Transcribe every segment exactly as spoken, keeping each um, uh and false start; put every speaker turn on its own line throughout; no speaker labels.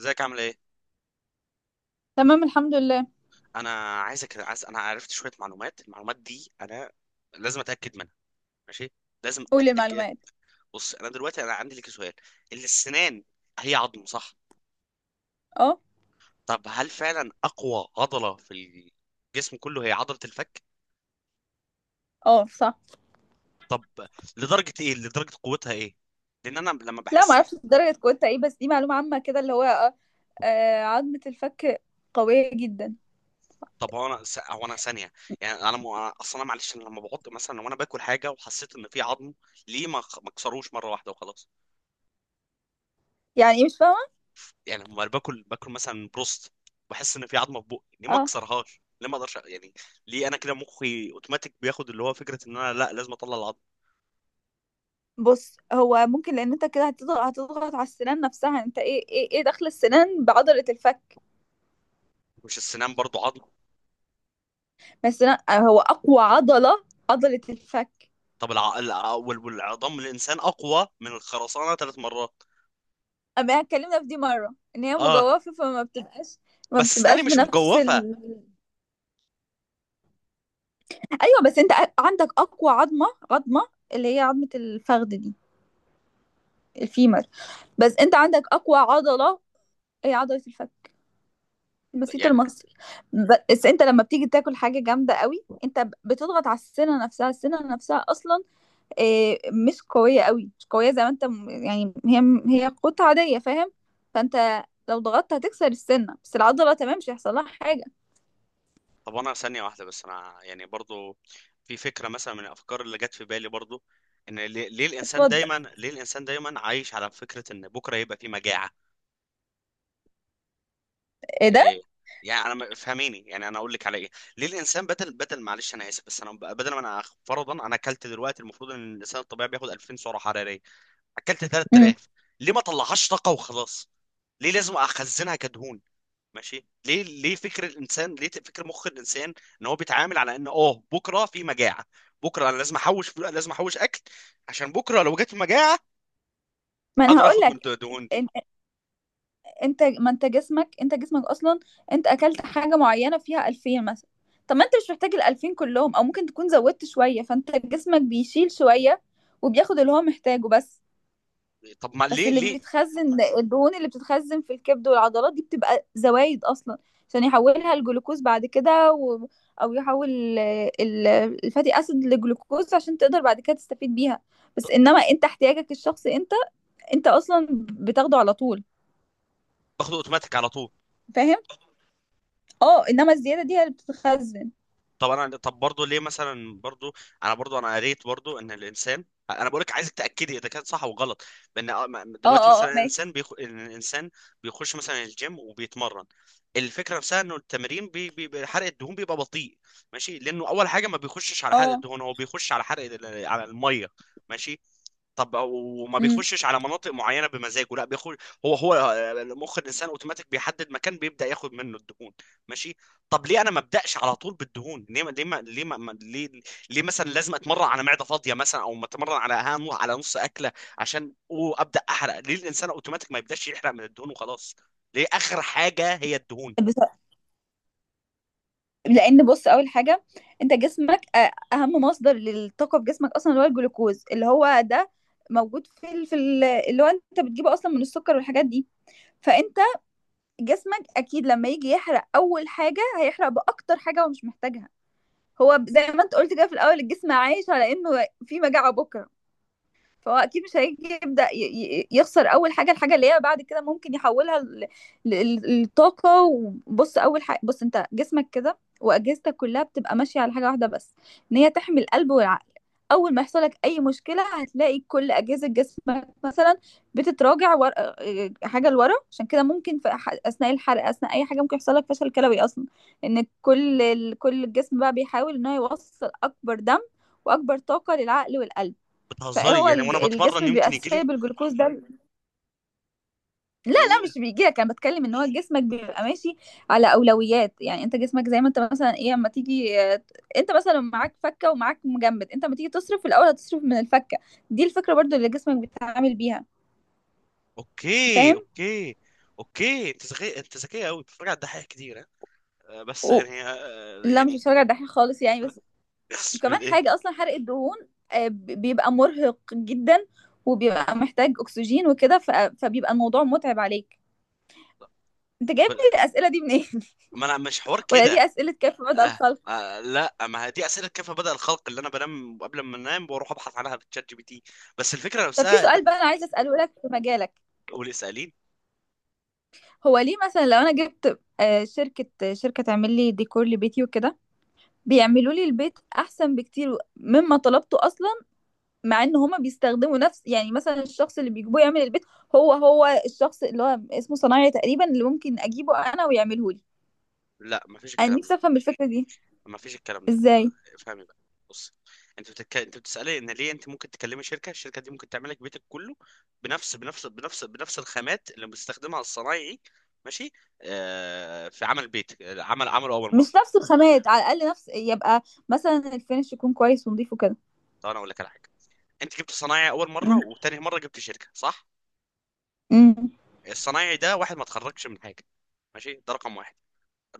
ازيك عامل ايه؟
تمام، الحمد لله.
انا عايزك، عايز انا عرفت شويه معلومات. المعلومات دي انا لازم اتاكد منها. ماشي، لازم
قولي
اتاكد.
المعلومات.
بص، انا دلوقتي انا عندي لك سؤال. السنان هي عظم، صح؟
اه.
طب هل فعلا اقوى عضله في الجسم كله هي عضله الفك؟
اه صح.
طب لدرجه ايه؟ لدرجه قوتها ايه؟ لان انا لما
لا ما
بحس...
اعرفش درجة قوتها ايه، بس دي معلومة عامة كده اللي هو آه آه، عظمة الفك قوية جدا.
طب هو انا س- هو انا ثانيه. يعني انا م... اصلا معلش، انا لما بحط مثلا، لو انا باكل حاجه وحسيت ان في عظم، ليه ما ما اكسروش مره واحده وخلاص؟
يعني ايه؟ مش فاهمة.
يعني لما باكل باكل مثلا بروست، بحس ان في عظمه في بقي، ليه ما
اه،
اكسرهاش؟ ليه ما اقدرش أ- يعني؟ ليه انا كده مخي اوتوماتيك بياخد اللي هو فكره ان انا لا لازم اطلع العظم؟
بص هو ممكن لان انت كده هتضغط هتضغط على السنان نفسها، انت ايه ايه ايه دخل السنان بعضلة الفك؟
مش السنان برضو عظم؟
ما السنان آه، هو اقوى عضلة عضلة الفك.
طب الع... الع... وال- والعظام الانسان اقوى من الخرسانه ثلاث مرات.
اما اتكلمنا في دي مرة ان هي
اه.
مجوفة فما بتبقاش، ما
بس اسناني
بتبقاش
مش
بنفس
مجوفه.
ال... ايوه، بس انت عندك اقوى عظمة عظمة اللي هي عظمة الفخذ دي، الفيمر. بس انت عندك اقوى عضله هي عضله الفك البسيط
يعني.
المصري. بس انت لما بتيجي تاكل حاجه جامده قوي انت ب- بتضغط على السنه نفسها. السنه نفسها اصلا آه، مش قويه قوي، مش قويه زي ما انت م- يعني هي هي قطعه عاديه، فاهم؟ فانت لو ضغطت هتكسر السنه، بس العضله تمام مش هيحصل لها حاجه.
طب انا ثانيه واحده بس، انا يعني برضو في فكره مثلا من الافكار اللي جت في بالي برضو، ان ليه ليه الانسان
اتفضل.
دايما، ليه الانسان دايما عايش على فكره ان بكره يبقى في مجاعه؟
ايه ده؟
إيه؟ يعني انا ما- فهميني، يعني انا اقول لك على ايه. ليه الانسان بدل بدل، معلش انا اسف، بس انا ب- بدل ما انا فرضا انا اكلت دلوقتي، المفروض ان الانسان الطبيعي بياخد ألفين سعرة حرارية سعره حراريه، اكلت
مم.
ثلاثة آلاف، ليه ما طلعهاش طاقه وخلاص؟ ليه لازم اخزنها كدهون؟ ماشي. ليه ليه فكر الانسان، ليه فكر مخ الانسان ان هو بيتعامل على ان اه بكره في مجاعه، بكره انا لازم احوش فلو- لازم احوش اكل عشان بكره لو جت مجاعه
ما انا
اقدر
هقول
اخد من
لك.
الدهون دي؟
انت ما انت جسمك انت جسمك اصلا، انت اكلت حاجه معينه فيها ألفين مثلا. طب ما انت مش محتاج ال ألفين كلهم، او ممكن تكون زودت شويه، فانت جسمك بيشيل شويه وبياخد اللي هو محتاجه بس.
طب ما
بس
ليه؟
اللي
ليه
بيتخزن الدهون اللي بتتخزن في الكبد والعضلات دي بتبقى زوايد اصلا، عشان يحولها الجلوكوز بعد كده و... او يحول ال- ال- الفاتي اسيد لجلوكوز عشان تقدر بعد كده تستفيد بيها. بس انما انت احتياجك الشخصي انت، انت اصلا بتاخده على طول،
باخد اوتوماتيك على طول؟
فاهم؟ اه، انما الزياده دي هي اللي بتتخزن.
طب انا، طب برضه ليه مثلا برضه، انا برضه، انا قريت برضه ان الانسان، انا بقولك عايزك تاكدي اذا كان صح او غلط، بان آه، ما-
اه
دلوقتي
اه
مثلا
اه ماشي.
الانسان بيخ... الانسان بيخش مثلا الجيم وبيتمرن، الفكره نفسها انه التمرين بي... بي... بي- حرق الدهون بيبقى بطيء. ماشي، لانه اول حاجه ما بيخشش على حرق
اه.
الدهون، هو بيخش على حرق ال- على الميه. ماشي. طب وما
امم.
بيخشش على مناطق معينه بمزاجه، لا، بيخش. هو هو آه، مخ الانسان اوتوماتيك بيحدد مكان بيبدا ياخد منه الدهون. ماشي. طب ليه انا ما ابداش على طول بالدهون؟ ليه ما ليه ما ليه, ما ما- ليه, ليه مثلا لازم اتمرن على معده فاضيه مثلا او اتمرن على ها- على نص اكله عشان أو ابدا احرق؟ ليه الانسان اوتوماتيك ما يبداش يحرق من الدهون وخلاص؟ ليه اخر حاجه هي الدهون؟
بس لان بص، اول حاجه انت جسمك آه، اهم مصدر للطاقه في جسمك اصلا اللي هو الجلوكوز، اللي هو ده موجود في ال- في ال- اللي هو انت بتجيبه اصلا من السكر والحاجات دي. فانت جسمك اكيد لما يجي يحرق اول حاجه هيحرق باكتر حاجه هو مش محتاجها. هو زي ما انت قلت كده في الاول، الجسم عايش على انه في مجاعه بكره، فهو اكيد مش هيجي يبدا ي- ي- يخسر اول حاجه الحاجه اللي هي بعد كده ممكن يحولها ل- ل- لطاقه. وبص اول حاجه، بص انت جسمك كده واجهزتك كلها بتبقى ماشيه على حاجه واحده بس، ان هي تحمي القلب والعقل. اول ما يحصل لك اي مشكله هتلاقي كل اجهزه جسمك مثلا بتتراجع ور... آه، حاجه لورا. عشان كده ممكن في أح- اثناء الحرق اثناء اي حاجه ممكن يحصل لك فشل كلوي اصلا، ان كل ال- كل الجسم بقى بيحاول ان هو يوصل اكبر دم واكبر طاقه للعقل والقلب.
بتهزري
فهو
يعني
الج-
وانا بتمرن
الجسم
يمكن
بيبقى
يجي لي.
سايب الجلوكوز ده. لا لا
إيه؟
مش بيجيلك، انا بتكلم ان هو جسمك بيبقى ماشي على اولويات. يعني انت جسمك زي ما انت مثلا ايه، اما تيجي آه، انت مثلا معاك فكه ومعاك مجمد، انت اما تيجي تصرف في الاول هتصرف من الفكه. دي الفكره برضو اللي جسمك بيتعامل بيها،
اوكي،
فاهم؟
اوكي. اوكي، انت ذكي، انت ذكيه قوي، بتتفرج على الدحيح كتير؟ ها؟ آه، بس
و...
يعني آه،
لا مش
يعني...
بتفرج على الدحيح خالص يعني، بس كمان
إيه؟
حاجه اصلا حرق الدهون آه، ب- بيبقى مرهق جدا، وبيبقى محتاج اكسجين وكده ف... فبيبقى الموضوع متعب عليك. انت جايب
طب
لي الاسئله دي منين؟
ما انا مش حوار
ولا
كده.
دي اسئله كيف بدأ
آه.
الخلق؟
آه. لا، ما هي دي اسئله كيف بدا الخلق، اللي انا بنام قبل ما انام واروح ابحث عنها في تشات جي بي تي. بس الفكره
طب في
نفسها ده.
سؤال بقى انا عايزه اساله لك في مجالك.
قولي اسالين.
هو ليه مثلا لو انا جبت آه، شركه شركه تعمل لي ديكور لبيتي وكده بيعملوا لي البيت احسن بكتير مما طلبته اصلا، مع ان هما بيستخدموا نفس يعني مثلا الشخص اللي بيجيبوه يعمل البيت هو هو الشخص اللي هو اسمه صنايعي تقريبا اللي ممكن اجيبه انا ويعمله لي.
لا، ما فيش
انا
الكلام ده.
نفسي افهم الفكره دي
ما فيش الكلام ده، آه،
ازاي.
افهمي بقى. بص، انت بتك... انت بتسالي ان ليه انت ممكن تكلمي شركه، الشركه دي ممكن تعمل لك بيتك كله بنفس بنفس بنفس بنفس الخامات اللي بيستخدمها الصنايعي. ماشي. آه... في عمل بيت، عمل عمله اول
مش
مره.
نفس الخامات، على الاقل نفس يبقى مثلا الفينش يكون كويس ونضيف وكده.
طب انا اقول لك على حاجه، انت جبت صنايعي اول مره
امم.
وتاني مره جبت شركه، صح؟
امم.
الصنايعي ده واحد ما اتخرجش من حاجه، ماشي، ده رقم واحد.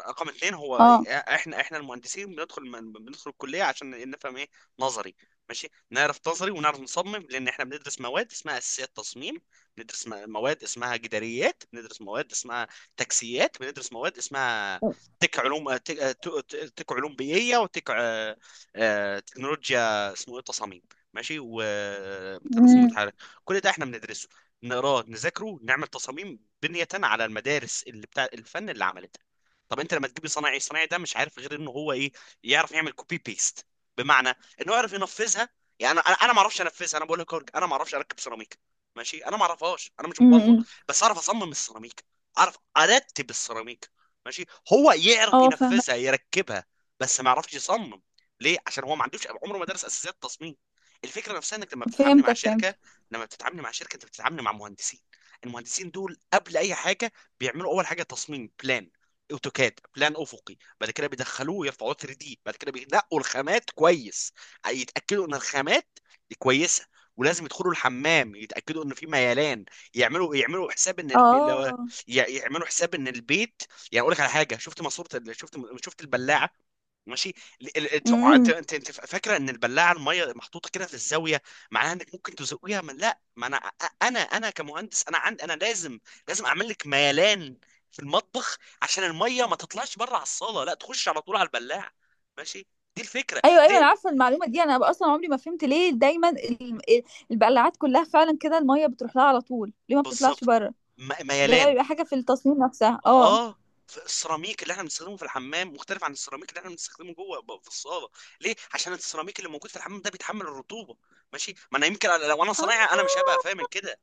رقم اتنين، هو
اه.
احنا احنا المهندسين بندخل من- بندخل الكليه عشان نفهم ايه؟ نظري. ماشي، نعرف نظري ونعرف نصمم، لان احنا بندرس مواد اسمها اساسيات تصميم، بندرس م- مواد اسمها جداريات، بندرس مواد اسمها تكسيات، بندرس مواد اسمها تك علوم تك, تك تك علوم بيئيه، وتك آه، آه، تكنولوجيا اسمه ايه تصاميم، ماشي، وترسم
امم.
متحرك. كل ده احنا بندرسه، نقراه، نذاكره، نعمل تصاميم بنية على المدارس اللي بتاع الفن اللي عملتها. طب انت لما تجيب صنايعي، الصنايعي ده مش عارف غير ان هو ايه؟ يعرف يعمل كوبي بيست، بمعنى انه يعرف ينفذها. يعني انا انا أنا ما اعرفش انفذها، انا بقول لك أورج- انا ما اعرفش اركب سيراميك. ماشي، انا ما اعرفهاش، انا مش مبلط،
امم.
بس اعرف اصمم السيراميك، اعرف ارتب السيراميك. ماشي. هو يعرف
اه فاهمه.
ينفذها، يركبها، بس ما يعرفش يصمم. ليه؟ عشان هو ما عندوش، عمره ما درس اساسيات تصميم. الفكره نفسها انك لما بتتعامل مع
فهمتك
شركه،
فهمتك.
لما بتتعامل مع شركه، انت بتتعامل مع مهندسين. المهندسين دول قبل اي حاجه بيعملوا اول حاجه تصميم بلان، اوتوكاد، بلان افقي، بعد كده بيدخلوه يرفعوه 3 دي، بعد كده بينقوا الخامات كويس، يتاكدوا ان الخامات دي كويسه، ولازم يدخلوا الحمام يتاكدوا ان في ميلان، يعملوا يعملوا حساب ان البي... لو...
اه.
ي- يعملوا حساب ان البيت. يعني اقول لك على حاجه، شفت ماسوره ال- شفت شفت البلاعه؟ ماشي. ال- ال- انت انت
امم.
انت انت فاكره ان البلاعه، الميه محطوطه كده في الزاويه. معناها انك ممكن تزقيها من لا. ما انا انا انا كمهندس انا عندي، انا لازم، لازم اعمل لك ميلان في المطبخ عشان الميه ما تطلعش بره على الصاله، لا تخش على طول على البلاعه. ماشي. دي الفكره.
ايوه ايوه
ليه
انا عارفه المعلومه دي، انا اصلا عمري ما فهمت ليه دايما ال- ال- البقلاعات كلها فعلا كده الميه بتروح لها على طول، ليه ما بتطلعش
بالظبط.
بره؟
م-
ده
ميلان.
بيبقى حاجه في التصميم نفسها، اه.
اه. ف- السيراميك اللي احنا بنستخدمه في الحمام مختلف عن السيراميك اللي احنا بنستخدمه جوه ب- في الصاله. ليه؟ عشان السيراميك اللي موجود في الحمام ده بيتحمل الرطوبه. ماشي. ما انا يمكن لو انا
اه.
صنايعي، انا مش هبقى فاهم كده.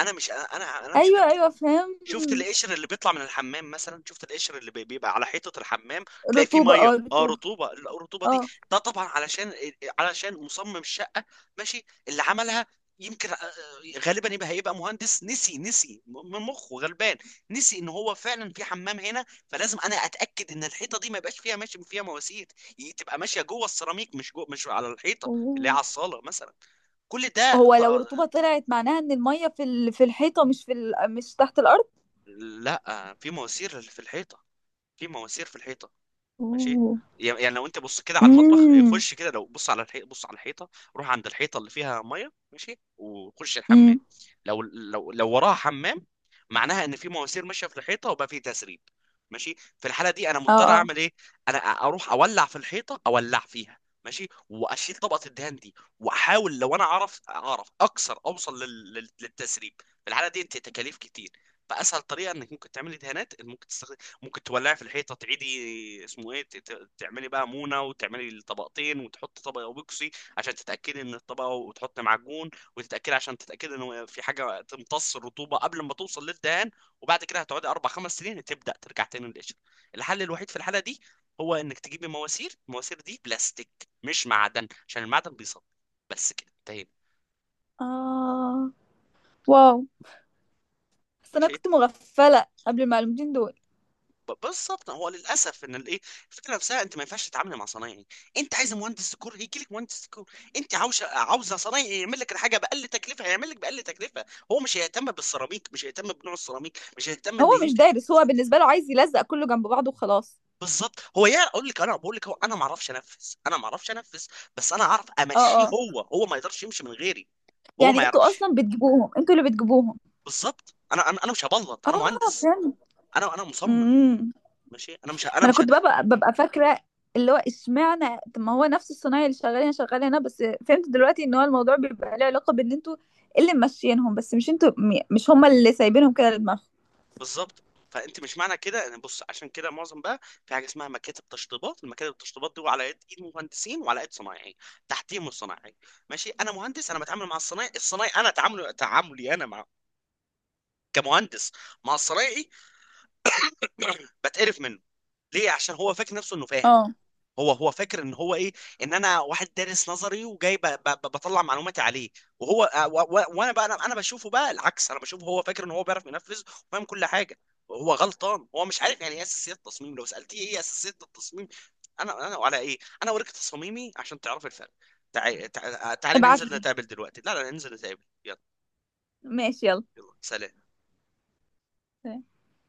انا مش انا انا مش
ايوه
فاهم.
ايوه فهمت.
شفت القشر اللي بيطلع من الحمام مثلا؟ شفت القشر اللي بي- بيبقى على حيطة الحمام؟ تلاقي فيه
رطوبه
مية،
اه
اه،
رطوبه.
رطوبة. الرطوبة
اه.
دي ده طبعا علشان إيه، إيه، علشان مصمم الشقة، ماشي، اللي عملها يمكن آه، آه، غالبا يبقى، هيبقى مهندس نسي، نسي م- من مخه غلبان، نسي ان هو فعلا في حمام هنا، فلازم انا اتاكد ان الحيطه دي ما يبقاش فيها ماشي فيها مواسير ي- تبقى ماشيه جوه السيراميك، مش جوه، مش على الحيطه اللي هي
أوه.
على الصاله مثلا. كل ده
هو
ط-
لو رطوبه طلعت معناها ان الميه في ال... في الحيطه مش في ال... مش تحت الارض.
لا، في مواسير في الحيطه. في مواسير في الحيطه. ماشي.
اوه.
يعني لو انت بص كده على المطبخ، آه،
امم.
خش كده، لو بص على الحيطه، بص على الحيطه، روح عند الحيطه اللي فيها ميه، ماشي، وخش
امم.
الحمام. لو لو لو وراها حمام، معناها ان في مواسير ماشيه في الحيطه، وبقى في تسريب. ماشي. في الحاله دي انا
اه
مضطر
اه
اعمل ايه؟ انا اروح اولع في الحيطه، اولع فيها. ماشي. واشيل طبقه الدهان دي، واحاول لو انا اعرف، اعرف اكسر، اوصل لل... لل- للتسريب. في الحاله دي انت تكاليف كتير. فاسهل طريقه انك ممكن تعملي دهانات ان ممكن تستخدم، ممكن تولعي في الحيطه، تعيدي اسمه ايه، ت- ت- تعملي بقى مونه، وتعملي الطبقتين، وتحطي طبق اوبكسي عشان تتاكدي ان الطبق، وتحطي معجون، وتتاكدي عشان تتاكدي ان في حاجه تمتص الرطوبه قبل ما توصل للدهان. وبعد كده هتقعدي اربع خمس سنين، تبدا ترجع تاني للقشره. الحل الوحيد في الحاله دي هو انك تجيبي مواسير، المواسير دي بلاستيك، مش معدن، عشان المعدن بيصدي. بس كده، انتهينا.
اه. واو. بس انا
ماشي.
كنت مغفله قبل المعلومتين دول.
ب- بالظبط. هو للاسف ان الايه، الفكره نفسها انت ما ينفعش تتعامل مع صنايعي. انت عايز مهندس ديكور، هيجي لك مهندس ديكور. انت عاوزه عاوزه صنايعي يعمل لك الحاجه باقل تكلفه، هيعمل لك باقل تكلفه. هو مش هيهتم بالسيراميك، مش هيهتم بنوع السيراميك، مش هيهتم
هو
ان
مش
يمكن.
دارس، هو بالنسبة له عايز يلزق كله جنب بعضه وخلاص.
بالظبط. هو يا اقول لك، انا بقول لك هو، انا ما اعرفش انفذ، انا ما اعرفش انفذ، بس انا اعرف
اه
امشيه،
اه.
هو هو ما يقدرش يمشي من غيري، هو ما
يعني انتوا
يعرفش.
اصلا بتجيبوهم، انتوا اللي بتجيبوهم.
بالظبط. انا انا انا مش هبلط، انا
اه
مهندس.
فهمت.
انا انا مصمم.
امم.
ماشي. انا مش ه- انا
ما انا
مش.
كنت ببقى ببقى فاكرة اللي هو اشمعنى، طب ما هو نفس الصنايعي اللي شغال هنا شغال هنا بس. فهمت دلوقتي ان هو الموضوع بيبقى له علاقة بان انتوا اللي ماشيينهم بس، مش انتوا م- مش هما اللي سايبينهم كده لدماغهم.
بالظبط. فانت مش معنى كده انا بص، عشان كده معظم بقى في حاجه اسمها مكاتب تشطيبات، المكاتب التشطيبات دي على يد ايد مهندسين، وعلى يد صنايعي تحتيهم الصنايعي. ماشي. انا مهندس، انا بتعامل مع الصنايعي. الصنايعي انا تعامله، تعاملي انا مع، كمهندس، مع الصنايعي، بتقرف منه. ليه؟ عشان هو فاكر نفسه انه فاهم.
اه.
هو هو فاكر ان هو ايه؟ ان انا واحد دارس نظري وجاي ب- ب- ب- بطلع معلوماتي عليه. وهو آه، و- و- وانا بقى، انا أنا بشوفه بقى العكس، انا بشوفه هو فاكر ان هو بيعرف ينفذ وفاهم كل حاجه. هو غلطان، هو مش عارف يعني ايه اساسيات التصميم. لو سالتيه ايه اساسيات التصميم، انا انا وعلى ايه، انا اوريك تصاميمي عشان تعرف الفرق. تعالي، تعالي
ابعت
ننزل
لي.
نتقابل دلوقتي، لا لا ننزل نتقابل، يلا.
ماشي يلا.
يلا سلام.